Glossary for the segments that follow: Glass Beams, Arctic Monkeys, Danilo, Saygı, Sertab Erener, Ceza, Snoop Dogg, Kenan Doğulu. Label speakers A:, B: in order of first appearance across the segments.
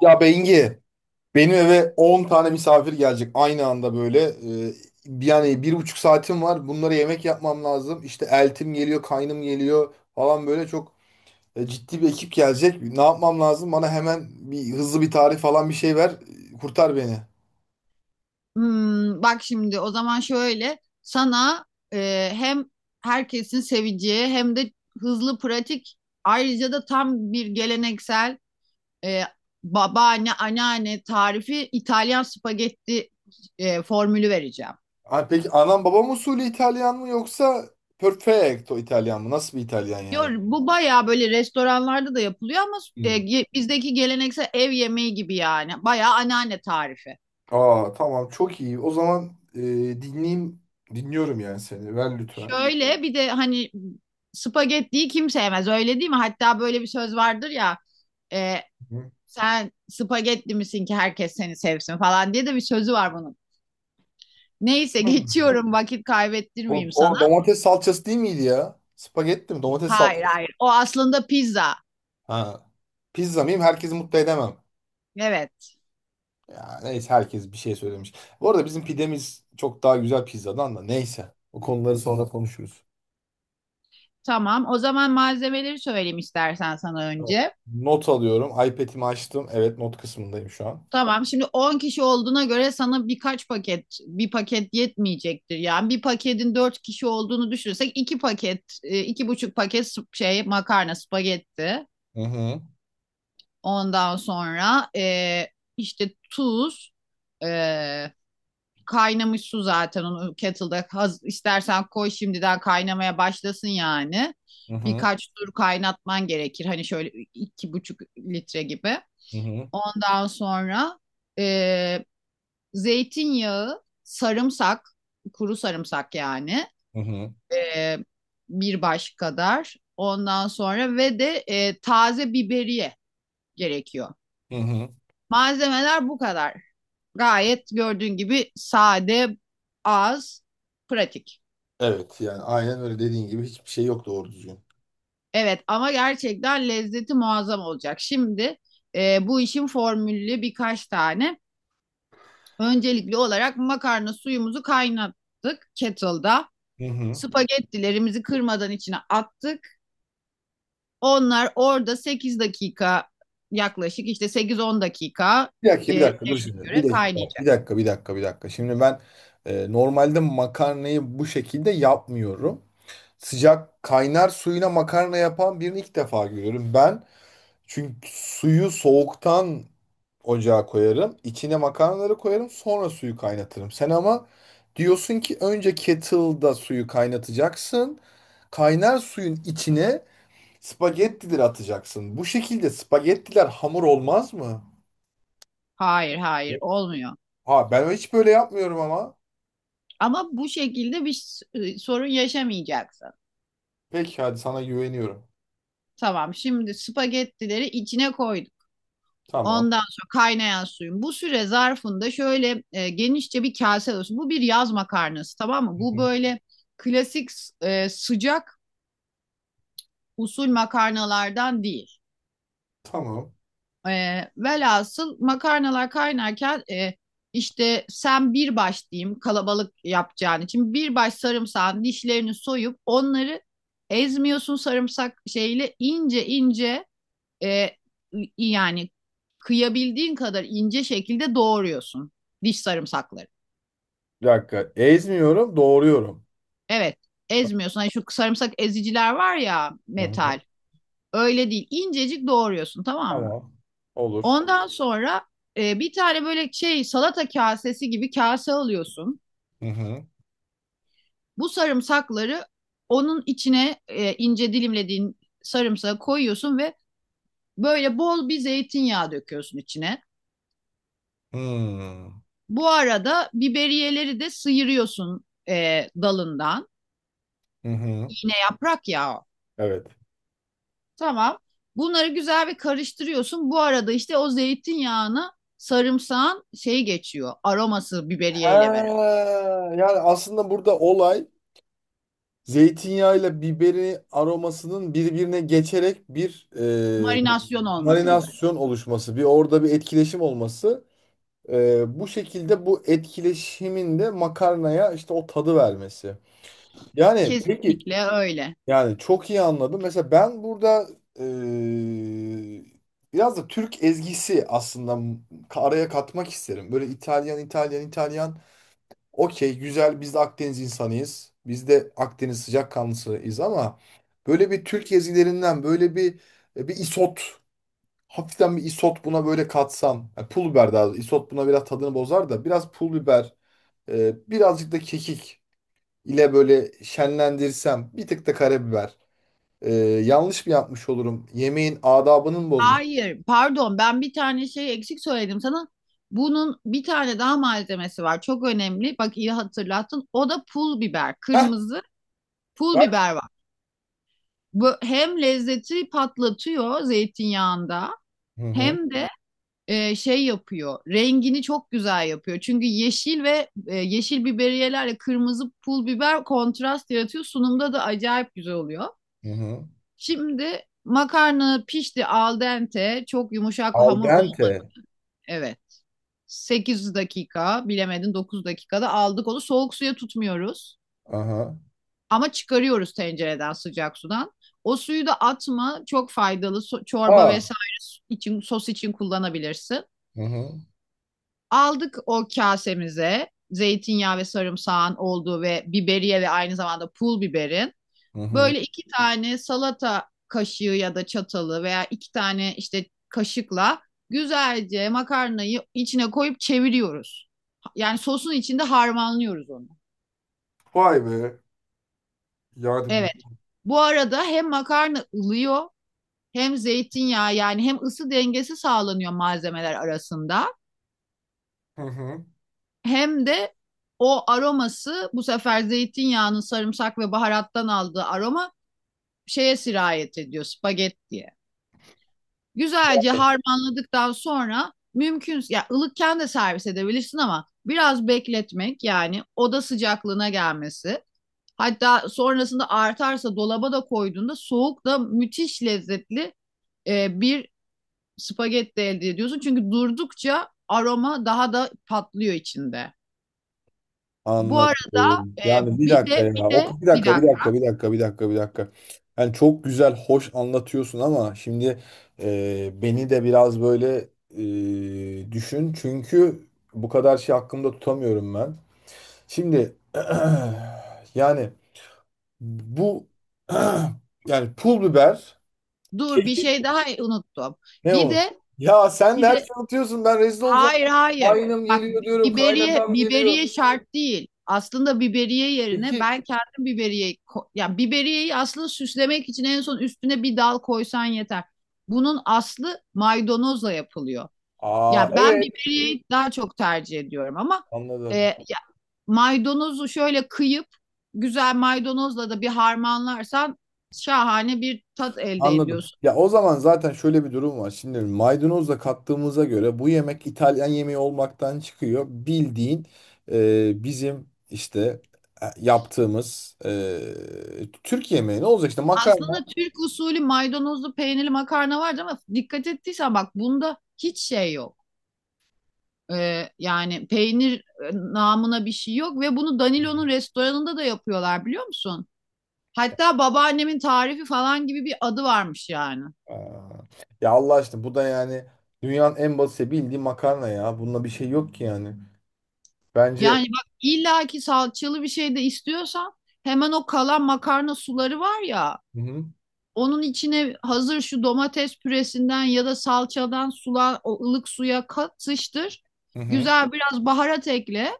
A: Ya Bengi, benim eve 10 tane misafir gelecek aynı anda böyle. Ee, Yani 1,5 saatim var. Bunlara yemek yapmam lazım. İşte eltim geliyor, kaynım geliyor falan böyle çok ciddi bir ekip gelecek. Ne yapmam lazım? Bana hemen bir hızlı bir tarif falan bir şey ver. Kurtar beni.
B: Hmm. Bak şimdi o zaman şöyle sana, hem herkesin seveceği hem de hızlı pratik, ayrıca da tam bir geleneksel e, babaanne anneanne tarifi İtalyan spagetti formülü vereceğim.
A: Ha, peki anam babam usulü İtalyan mı yoksa perfecto İtalyan mı? Nasıl bir İtalyan
B: Diyor,
A: yani?
B: bu bayağı böyle restoranlarda da yapılıyor ama
A: Hmm.
B: bizdeki geleneksel ev yemeği gibi, yani bayağı anneanne tarifi.
A: Aa, tamam, çok iyi. O zaman dinleyeyim. Dinliyorum yani seni. Ver lütfen.
B: Şöyle bir de, hani spagettiyi kim sevmez, öyle değil mi? Hatta böyle bir söz vardır ya. E, sen spagetti misin ki herkes seni sevsin falan diye de bir sözü var bunun. Neyse,
A: Hı.
B: geçiyorum, vakit
A: O,
B: kaybettirmeyeyim
A: o
B: sana.
A: domates salçası değil miydi ya? Spagetti mi? Domates
B: Hayır
A: salçası.
B: hayır, o aslında pizza.
A: Ha. Pizza mıyım? Herkesi mutlu edemem.
B: Evet,
A: Ya neyse, herkes bir şey söylemiş. Bu arada bizim pidemiz çok daha güzel pizzadan da, neyse. O konuları sonra konuşuruz.
B: tamam. O zaman malzemeleri söyleyeyim istersen sana
A: Tamam.
B: önce.
A: Not alıyorum. iPad'imi açtım. Evet, not kısmındayım şu an.
B: Tamam, şimdi 10 kişi olduğuna göre sana birkaç paket, bir paket yetmeyecektir. Yani bir paketin 4 kişi olduğunu düşünürsek 2 paket, 2,5 paket şey makarna spagetti.
A: Hı hı.
B: Ondan sonra işte tuz, e, kaynamış su, zaten onu kettle'da istersen koy şimdiden kaynamaya başlasın yani.
A: Hı hı.
B: Birkaç tur kaynatman gerekir. Hani şöyle 2,5 litre gibi.
A: Hı hı.
B: Ondan sonra e, zeytinyağı, sarımsak, kuru sarımsak yani
A: Hı hı.
B: e, bir baş kadar. Ondan sonra ve de taze biberiye gerekiyor.
A: Hı hı.
B: Malzemeler bu kadar. Gayet gördüğün gibi sade, az, pratik.
A: Evet, yani aynen öyle dediğin gibi hiçbir şey yok doğru düzgün.
B: Evet, ama gerçekten lezzeti muazzam olacak. Şimdi bu işin formülü birkaç tane. Öncelikli olarak makarna suyumuzu kaynattık kettle'da.
A: Hı hı.
B: Spagettilerimizi kırmadan içine attık. Onlar orada 8 dakika, yaklaşık işte 8-10 dakika
A: Bir dakika, bir dakika, dur
B: şeyine
A: şimdi. Bir
B: göre
A: dakika, bir
B: kaynayacak.
A: dakika, bir dakika, bir dakika. Şimdi ben normalde makarnayı bu şekilde yapmıyorum. Sıcak kaynar suyuna makarna yapan birini ilk defa görüyorum. Ben çünkü suyu soğuktan ocağa koyarım. İçine makarnaları koyarım, sonra suyu kaynatırım. Sen ama diyorsun ki önce kettle'da suyu kaynatacaksın. Kaynar suyun içine spagettileri atacaksın. Bu şekilde spagettiler hamur olmaz mı?
B: Hayır hayır, olmuyor.
A: Ha, ben hiç böyle yapmıyorum ama.
B: Ama bu şekilde bir sorun yaşamayacaksın.
A: Peki, hadi sana güveniyorum.
B: Tamam, şimdi spagettileri içine koyduk.
A: Tamam.
B: Ondan sonra kaynayan suyun. Bu süre zarfında şöyle genişçe bir kase olsun. Bu bir yaz makarnası, tamam mı?
A: Hı hı.
B: Bu böyle klasik, sıcak usul makarnalardan değil.
A: Tamam.
B: E, velhasıl makarnalar kaynarken işte sen bir baş diyeyim, kalabalık yapacağın için bir baş sarımsağın dişlerini soyup onları ezmiyorsun, sarımsak şeyle ince ince, e, yani kıyabildiğin kadar ince şekilde doğruyorsun diş sarımsakları.
A: Bir dakika. Ezmiyorum, doğruyorum.
B: Evet, ezmiyorsun. Hani şu sarımsak eziciler var ya,
A: Hı hı.
B: metal. Öyle değil. İncecik doğruyorsun, tamam mı?
A: Tamam. Olur.
B: Ondan sonra bir tane böyle şey salata kasesi gibi kase alıyorsun.
A: Hı hı.
B: Bu sarımsakları onun içine, ince dilimlediğin sarımsağı koyuyorsun ve böyle bol bir zeytinyağı döküyorsun içine.
A: Hmm.
B: Bu arada biberiyeleri de sıyırıyorsun dalından.
A: Hı hı.
B: İğne yaprak ya o.
A: Evet.
B: Tamam. Bunları güzel bir karıştırıyorsun. Bu arada işte o zeytinyağını sarımsağın şey geçiyor. Aroması
A: Ha,
B: biberiye beraber.
A: yani aslında burada olay zeytinyağıyla biberin aromasının birbirine geçerek bir
B: Marinasyon olması gibi.
A: marinasyon oluşması, bir orada bir etkileşim olması. Bu şekilde bu etkileşimin de makarnaya işte o tadı vermesi. Yani peki,
B: Kesinlikle öyle.
A: yani çok iyi anladım. Mesela ben burada eee, biraz da Türk ezgisi aslında araya katmak isterim. Böyle İtalyan İtalyan İtalyan, okey, güzel, biz de Akdeniz insanıyız. Biz de Akdeniz sıcakkanlısıyız ama böyle bir Türk ezgilerinden böyle bir isot, hafiften bir isot buna böyle katsam. Yani pul biber, daha doğrusu. İsot buna biraz tadını bozar da biraz pul biber, birazcık da kekik ile böyle şenlendirsem, bir tık da karabiber. Yanlış mı yapmış olurum? Yemeğin adabını mı bozmuş?
B: Hayır, pardon, ben bir tane şey eksik söyledim sana. Bunun bir tane daha malzemesi var. Çok önemli. Bak, iyi hatırlattın. O da pul biber.
A: Heh,
B: Kırmızı pul
A: bak.
B: biber var. Bu hem lezzeti patlatıyor zeytinyağında,
A: Hı hı,
B: hem de şey yapıyor. Rengini çok güzel yapıyor. Çünkü yeşil ve yeşil biberiyelerle kırmızı pul biber kontrast yaratıyor. Sunumda da acayip güzel oluyor.
A: hı hı.
B: Şimdi makarna pişti, al dente. Çok yumuşak
A: Al
B: hamur ol.
A: dente.
B: Evet. 8 dakika, bilemedin 9 dakikada aldık onu. Soğuk suya tutmuyoruz.
A: Aha.
B: Ama çıkarıyoruz tencereden, sıcak sudan. O suyu da atma, çok faydalı. Çorba
A: Aa.
B: vesaire için, sos için kullanabilirsin.
A: Hı hı,
B: Aldık o kasemize, zeytinyağı ve sarımsağın olduğu ve biberiye ve aynı zamanda pul biberin.
A: hı hı.
B: Böyle iki tane salata kaşığı ya da çatalı, veya iki tane işte kaşıkla güzelce makarnayı içine koyup çeviriyoruz. Yani sosun içinde harmanlıyoruz onu.
A: Vay be. Yani
B: Evet. Bu arada hem makarna ılıyor, hem zeytinyağı yani, hem ısı dengesi sağlanıyor malzemeler arasında,
A: hı hı.
B: hem de o aroması bu sefer zeytinyağının sarımsak ve baharattan aldığı aroma şeye sirayet ediyor, spagettiye. Güzelce harmanladıktan sonra mümkün ya, ılıkken de servis edebilirsin ama biraz bekletmek, yani oda sıcaklığına gelmesi, hatta sonrasında artarsa dolaba da koyduğunda soğuk da müthiş lezzetli bir spagetti elde ediyorsun. Çünkü durdukça aroma daha da patlıyor içinde. Bu
A: Anladım.
B: arada
A: Yani bir
B: bir
A: dakika
B: de
A: ya.
B: bir
A: O,
B: de
A: bir
B: bir
A: dakika, bir dakika,
B: dakika.
A: bir dakika, bir dakika, bir dakika. Yani çok güzel, hoş anlatıyorsun ama şimdi beni de biraz böyle düşün. Çünkü bu kadar şey hakkımda tutamıyorum ben. Şimdi yani bu yani pul biber
B: Dur, bir şey daha unuttum.
A: ne
B: Bir
A: olur?
B: de
A: Ya sen de
B: bir
A: her
B: de
A: şeyi unutuyorsun. Ben rezil olacağım.
B: hayır hayır.
A: Kaynım
B: Bak,
A: geliyor diyorum.
B: biberiye
A: Kaynatam geliyor.
B: biberiye şart değil. Aslında biberiye yerine ben
A: Kekik.
B: kendim biberiye ya biberiyeyi aslında süslemek için en son üstüne bir dal koysan yeter. Bunun aslı maydanozla yapılıyor.
A: Aa,
B: Ya ben
A: evet.
B: biberiyeyi daha çok tercih ediyorum ama
A: Anladım.
B: e, maydanozu şöyle kıyıp güzel maydanozla da bir harmanlarsan şahane bir tat elde
A: Anladım.
B: ediyorsun.
A: Ya o zaman zaten şöyle bir durum var. Şimdi maydanozla kattığımıza göre bu yemek İtalyan yemeği olmaktan çıkıyor. Bildiğin bizim işte yaptığımız Türk yemeği, ne olacak işte makarna?
B: Aslında Türk usulü maydanozlu peynirli makarna vardı ama dikkat ettiysen bak, bunda hiç şey yok. Yani peynir namına bir şey yok ve bunu Danilo'nun restoranında da yapıyorlar, biliyor musun? Hatta babaannemin tarifi falan gibi bir adı varmış yani.
A: Aa. Ya Allah aşkına, bu da yani dünyanın en basit bildiği makarna ya. Bununla bir şey yok ki yani. Bence,
B: Yani bak, illaki salçalı bir şey de istiyorsan, hemen o kalan makarna suları var ya,
A: hı hı.
B: onun içine hazır şu domates püresinden ya da salçadan sula, ılık suya katıştır.
A: Hı hı.
B: Güzel biraz baharat ekle.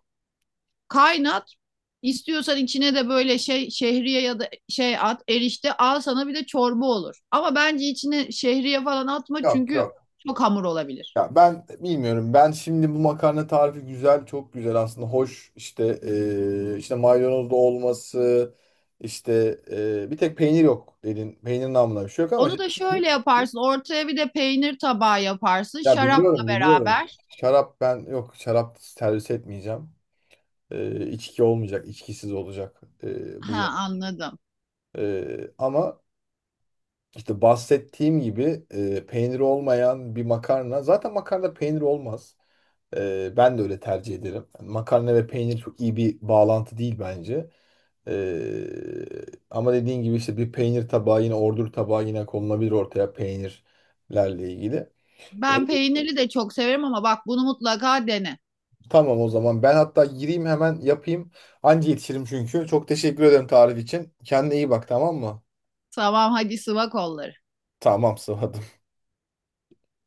B: Kaynat. İstiyorsan içine de böyle şey şehriye ya da şey at, erişte, al sana bir de çorba olur. Ama bence içine şehriye falan atma
A: Yok,
B: çünkü
A: yok.
B: çok hamur olabilir.
A: Ya ben bilmiyorum. Ben şimdi bu makarna tarifi güzel, çok güzel aslında. Hoş, işte işte maydanozlu olması, işte, bir tek peynir yok dedin. Peynir namına bir şey yok ama
B: Onu da şöyle yaparsın. Ortaya bir de peynir tabağı yaparsın,
A: ya
B: şarapla
A: biliyorum, biliyorum.
B: beraber.
A: Şarap, ben yok, şarap servis etmeyeceğim. İçki olmayacak, içkisiz olacak, bu
B: Ha,
A: yemek.
B: anladım.
A: Ama İşte bahsettiğim gibi peyniri olmayan bir makarna. Zaten makarna peynir olmaz. Ben de öyle tercih ederim. Yani makarna ve peynir çok iyi bir bağlantı değil bence. E, Ama dediğin gibi işte bir peynir tabağı yine, ordur tabağı yine konulabilir ortaya peynirlerle ilgili. E,
B: Ben peyniri de çok severim ama bak, bunu mutlaka dene.
A: tamam, o zaman ben hatta gireyim, hemen yapayım. Anca yetişirim çünkü. Çok teşekkür ederim tarif için. Kendine iyi bak, tamam mı?
B: Tamam, hadi sıva kolları.
A: Tamam, sıvadım.